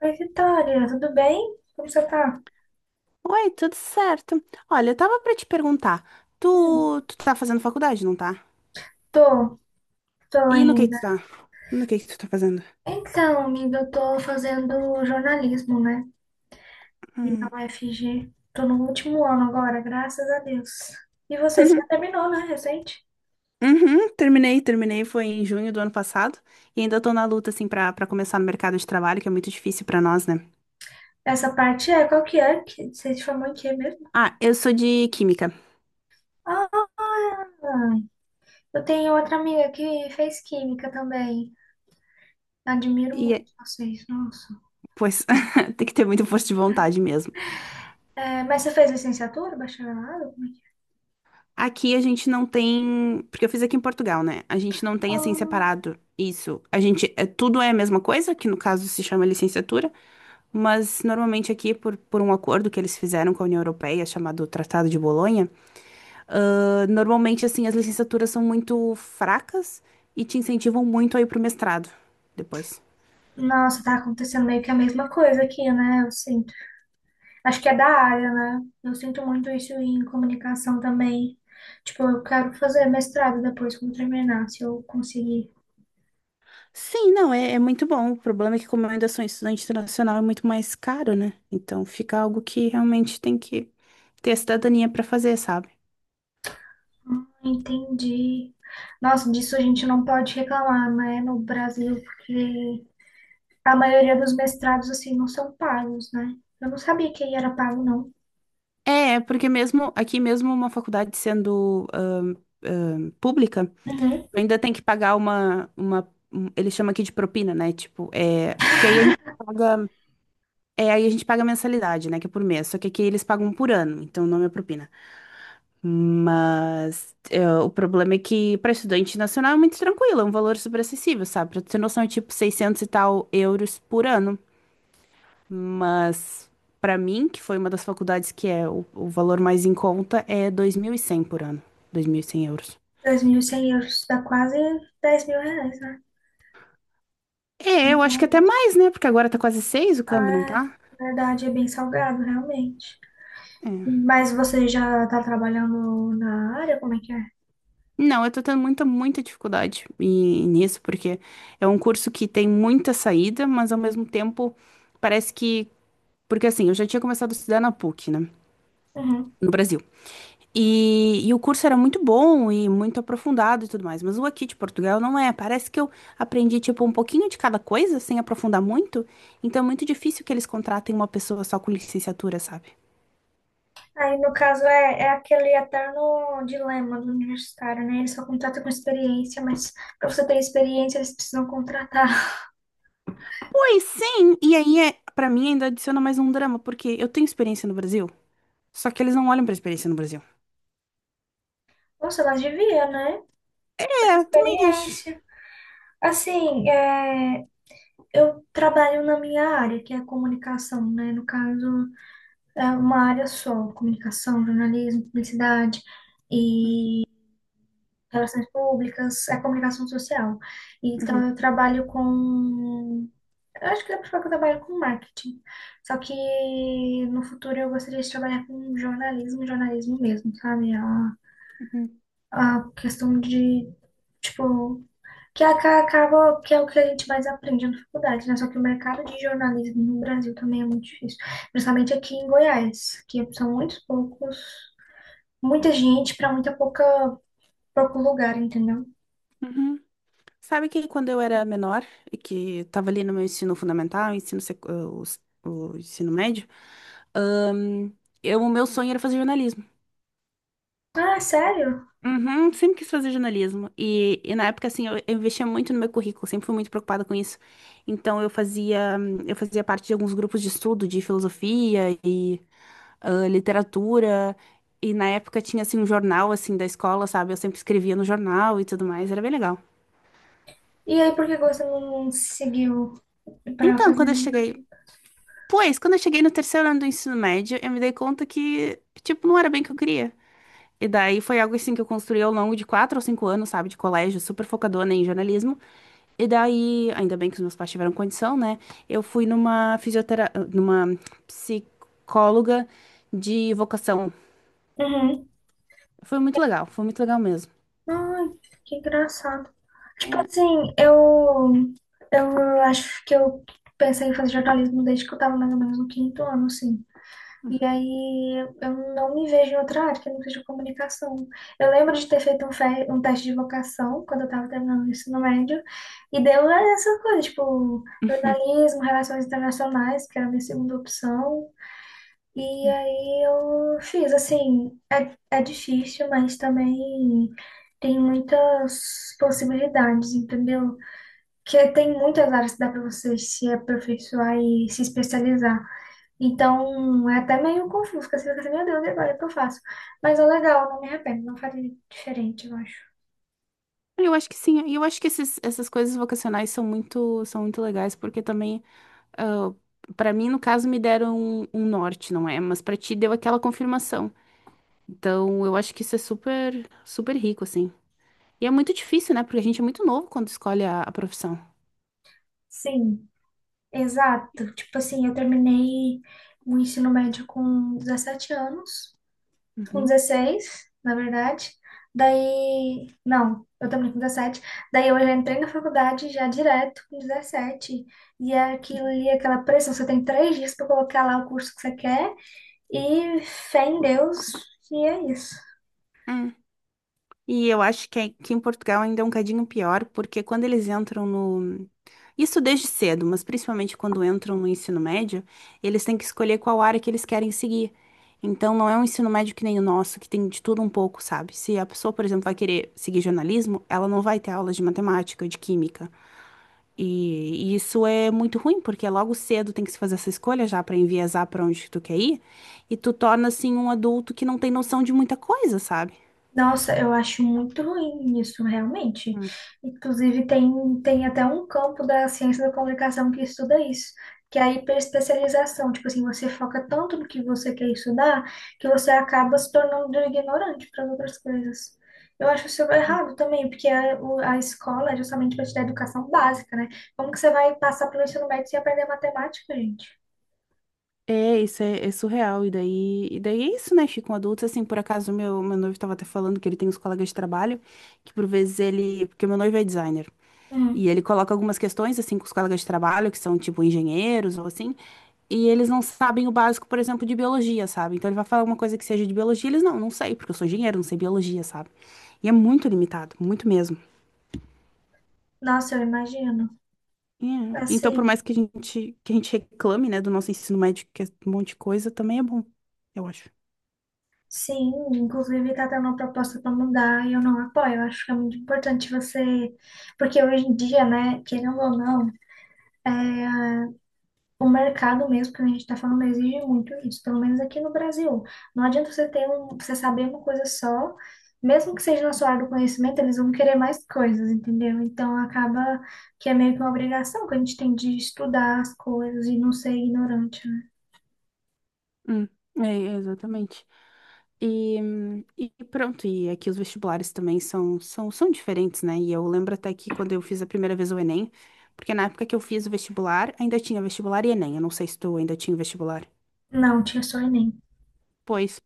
Oi, Vitória, tudo bem? Como você tá? Oi, tudo certo? Olha, eu tava pra te perguntar, Hum, tu tá fazendo faculdade, não tá? tô, tô E no que tu tá? ainda. No que tu tá fazendo? Então, amiga, eu tô fazendo jornalismo, né? E na Hum. UFG. Tô no último ano agora, graças a Deus. E você Uhum, já terminou, né? Recente? uhum, terminei, foi em junho do ano passado, e ainda tô na luta, assim, pra começar no mercado de trabalho, que é muito difícil pra nós, né? Essa parte é, qual que é? Você se formou em quê mesmo? Ah, eu sou de química, Ah, eu tenho outra amiga que fez química também. Admiro e, muito é- vocês, nossa. pois, tem que ter muita força de vontade mesmo. É, mas você fez licenciatura, bacharelado? Como é que Aqui a gente não tem, porque eu fiz aqui em Portugal, né? A gente não é? tem assim separado isso. A gente é tudo é a mesma coisa, que no caso se chama licenciatura, mas normalmente aqui por um acordo que eles fizeram com a União Europeia, chamado Tratado de Bolonha, normalmente assim as licenciaturas são muito fracas e te incentivam muito a ir pro mestrado depois. Nossa, tá acontecendo meio que a mesma coisa aqui, né? Eu sinto. Acho que é da área, né? Eu sinto muito isso em comunicação também. Tipo, eu quero fazer mestrado depois quando terminar, se eu conseguir. Sim, não, é muito bom. O problema é que, como eu ainda sou estudante internacional, é muito mais caro, né? Então fica algo que realmente tem que ter a cidadania para fazer, sabe? Entendi. Nossa, disso a gente não pode reclamar, né? No Brasil, porque a maioria dos mestrados, assim, não são pagos, né? Eu não sabia que era pago, não. É, é porque mesmo aqui, mesmo uma faculdade sendo pública, Uhum. tu ainda tem que pagar eles chamam aqui de propina, né? Tipo, é. Porque aí a gente paga. É, aí a gente paga mensalidade, né? Que é por mês. Só que aqui eles pagam por ano, então o nome é propina. Mas é, o problema é que para estudante nacional é muito tranquilo, é um valor super acessível, sabe? Pra tu ter noção, é tipo 600 e tal euros por ano. Mas para mim, que foi uma das faculdades que é o valor mais em conta, é 2100 por ano. 2100 euros. 2.100 euros dá quase 10 mil reais, né? É, eu acho que Então, até mais, né? Porque agora tá quase 6 o câmbio, não ah, tá? na verdade, é bem salgado, realmente. É. Mas você já está trabalhando na área? Como é que é? Não, eu tô tendo muita nisso, porque é um curso que tem muita saída, mas ao mesmo tempo parece que. Porque assim, eu já tinha começado a estudar na PUC, né? Uhum. No Brasil. E, o curso era muito bom e muito aprofundado e tudo mais. Mas o aqui de Portugal não é. Parece que eu aprendi, tipo, um pouquinho de cada coisa, sem aprofundar muito. Então é muito difícil que eles contratem uma pessoa só com licenciatura, sabe? Aí, no caso, é aquele eterno dilema do universitário, né? Ele só contrata com experiência, mas para você ter experiência, eles precisam contratar. Pois sim! E aí, é, para mim, ainda adiciona mais um drama, porque eu tenho experiência no Brasil, só que eles não olham pra experiência no Brasil. Nossa, mas devia, né? Pra É, também acho. experiência. Assim, é, eu trabalho na minha área, que é a comunicação, né? No caso, é uma área só, comunicação, jornalismo, publicidade. E relações públicas, a comunicação social. Uhum, Então, eu trabalho com. Eu acho que dá para falar que eu trabalho com marketing. Só que no futuro eu gostaria de trabalhar com jornalismo, jornalismo mesmo, sabe? A, uhum, uhum. a questão de, tipo, que acaba, que é o que a gente mais aprende na faculdade, né? Só que o mercado de jornalismo no Brasil também é muito difícil, principalmente aqui em Goiás, que são muitos poucos, muita gente para muita pouca pouco lugar, entendeu? Uhum. Sabe que quando eu era menor e que estava ali no meu ensino fundamental, o ensino médio, ahn, eu, o meu sonho era fazer jornalismo. Ah, sério? Uhum, sempre quis fazer jornalismo. E na época, assim, eu investia muito no meu currículo, sempre fui muito preocupada com isso. Então, eu fazia parte de alguns grupos de estudo de filosofia e literatura. E na época tinha, assim, um jornal, assim, da escola, sabe? Eu sempre escrevia no jornal e tudo mais, era bem legal. E aí, por que você não seguiu pra Então, fazer quando eu isso? cheguei Pois, quando eu cheguei no terceiro ano do ensino médio, eu me dei conta que, tipo, não era bem o que eu queria. E daí foi algo assim que eu construí ao longo de quatro ou cinco anos, sabe, de colégio, super focadona em jornalismo. E daí, ainda bem que os meus pais tiveram condição, né? Eu fui numa fisiotera... Numa psicóloga de vocação. Uhum. Foi muito legal mesmo. Ai, que engraçado. Tipo É. assim, eu acho que eu pensei em fazer jornalismo desde que eu tava mais ou menos no quinto ano, assim. E aí, eu não me vejo em outra área, que eu não seja comunicação. Eu lembro de ter feito um, fe um teste de vocação quando eu tava terminando o ensino médio, e deu essa coisa, tipo, jornalismo, relações internacionais, que era a minha segunda opção. E aí eu fiz, assim, é difícil, mas também tem muitas possibilidades, entendeu? Que tem muitas áreas que dá para você se aperfeiçoar e se especializar. Então, é até meio confuso, porque você fica assim, meu Deus, e agora o que eu faço? Mas é legal, não me arrependo, não faria diferente, eu acho. Eu acho que sim, e eu acho que essas coisas vocacionais são são muito legais, porque também para mim, no caso, me deram um norte, não é? Mas para ti deu aquela confirmação. Então, eu acho que isso é super, super rico, assim. E é muito difícil, né? Porque a gente é muito novo quando escolhe a profissão. Sim, exato. Tipo assim, eu terminei o ensino médio com 17 anos, com Uhum. 16, na verdade. Daí, não, eu também com 17. Daí eu já entrei na faculdade já direto com 17. E é aquilo ali, aquela pressão, você tem 3 dias para colocar lá o curso que você quer e fé em Deus, e é isso. Hum. E eu acho que aqui em Portugal ainda é um cadinho pior, porque quando eles entram no. Isso desde cedo, mas principalmente quando entram no ensino médio, eles têm que escolher qual área que eles querem seguir. Então, não é um ensino médio que nem o nosso, que tem de tudo um pouco, sabe? Se a pessoa, por exemplo, vai querer seguir jornalismo, ela não vai ter aulas de matemática, de química. E isso é muito ruim, porque logo cedo tem que se fazer essa escolha já para enviesar para onde tu quer ir, e tu torna assim um adulto que não tem noção de muita coisa, sabe? Nossa, eu acho muito ruim isso, realmente. Inclusive, tem até um campo da ciência da comunicação que estuda isso, que é a hiperespecialização. Tipo assim, você foca tanto no que você quer estudar que você acaba se tornando ignorante para as outras coisas. Eu acho isso errado também, porque a escola é justamente para te dar educação básica, né? Como que você vai passar pelo ensino médio sem aprender matemática, gente? É, isso é, é surreal. E daí é isso, né? Ficam adultos, assim, por acaso meu noivo tava até falando que ele tem uns colegas de trabalho, que por vezes ele. Porque meu noivo é designer. Hum. E ele coloca algumas questões, assim, com os colegas de trabalho, que são tipo engenheiros ou assim, e eles não sabem o básico, por exemplo, de biologia, sabe? Então ele vai falar alguma coisa que seja de biologia, eles não sei, porque eu sou engenheiro, não sei biologia, sabe? E é muito limitado, muito mesmo. Nossa, eu imagino. É. Então, por mais Assim. Que a gente reclame, né, do nosso ensino médio, que é um monte de coisa, também é bom, eu acho. Sim, inclusive está tendo uma proposta para mudar e eu não apoio. Eu acho que é muito importante você. Porque hoje em dia, né, querendo ou não, o mercado mesmo, que a gente está falando, exige muito isso, pelo menos aqui no Brasil. Não adianta você saber uma coisa só, mesmo que seja na sua área do conhecimento, eles vão querer mais coisas, entendeu? Então acaba que é meio que uma obrigação que a gente tem de estudar as coisas e não ser ignorante, né? Hum, é, exatamente. E pronto, e aqui os vestibulares também são diferentes, né? E eu lembro até que quando eu fiz a primeira vez o Enem, porque na época que eu fiz o vestibular, ainda tinha vestibular e Enem. Eu não sei se tu ainda tinha o vestibular. Não, tinha só Enem. Pois.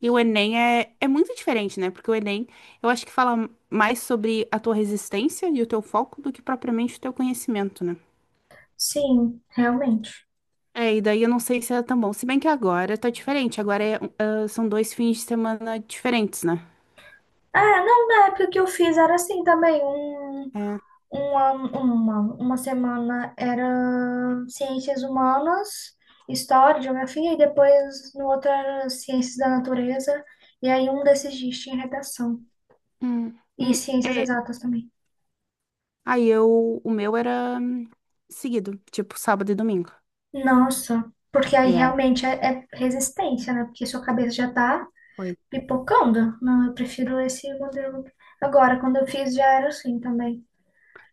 E o Enem é muito diferente, né? Porque o Enem, eu acho que fala mais sobre a tua resistência e o teu foco do que propriamente o teu conhecimento, né? Sim, realmente. É, e daí eu não sei se era tão bom. Se bem que agora tá diferente. Agora é, são dois fins de semana diferentes, né? É, não, na época que eu fiz era assim também. Uma semana era ciências humanas, história, geografia, e depois no outro era ciências da natureza, e aí um desses dias tinha redação. Hum, E hum, ciências é. exatas também. Aí eu, o meu era seguido, tipo sábado e domingo. Nossa, porque aí É, realmente é resistência, né? Porque sua cabeça já tá foi. pipocando. Não, eu prefiro esse modelo. Agora, quando eu fiz, já era assim também.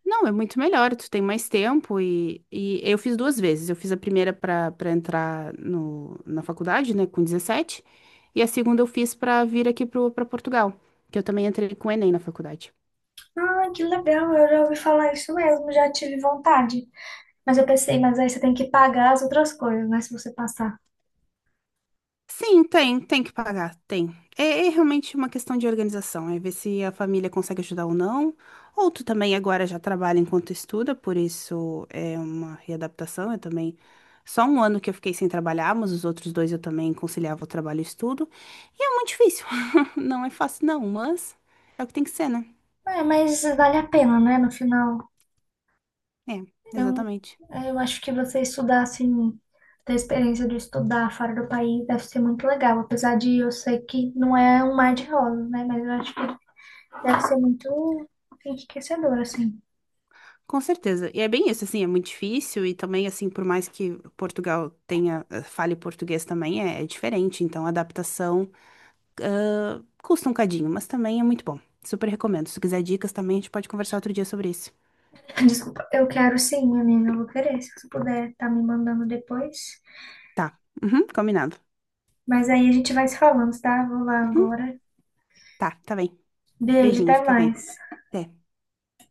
Não, é muito melhor, tu tem mais tempo e eu fiz duas vezes. Eu fiz a primeira para entrar no, na faculdade, né, com 17. E a segunda eu fiz para vir aqui para Portugal, que eu também entrei com o Enem na faculdade. Ah, que legal, eu já ouvi falar isso mesmo, já tive vontade. Mas eu pensei, mas aí você tem que pagar as outras coisas, né? Se você passar. Sim, tem, tem que pagar, tem. É, é realmente uma questão de organização, é ver se a família consegue ajudar ou não. Ou tu também agora já trabalha enquanto estuda, por isso é uma readaptação. Eu também, só um ano que eu fiquei sem trabalhar, mas os outros dois eu também conciliava o trabalho e o estudo. E é muito difícil, não é fácil não, mas é o que tem que ser, né? É, mas vale a pena, né? No final, É, eu, exatamente. eu acho que você estudar assim, ter a experiência de estudar fora do país deve ser muito legal. Apesar de eu sei que não é um mar de rosas, né? Mas eu acho que deve ser muito enriquecedor, assim. Com certeza. E é bem isso, assim, é muito difícil e também, assim, por mais que Portugal tenha, fale português também, é diferente. Então, a adaptação. Ah, custa um cadinho, mas também é muito bom. Super recomendo. Se tu quiser dicas também, a gente pode conversar outro dia sobre isso. Desculpa, eu quero sim, menina, eu vou querer. Se você puder, tá me mandando depois. Tá. Uhum, combinado. Mas aí a gente vai se falando, tá? Vou lá Uhum, agora. tá, tá bem. Beijo, Beijinho, até fica bem. mais. Até.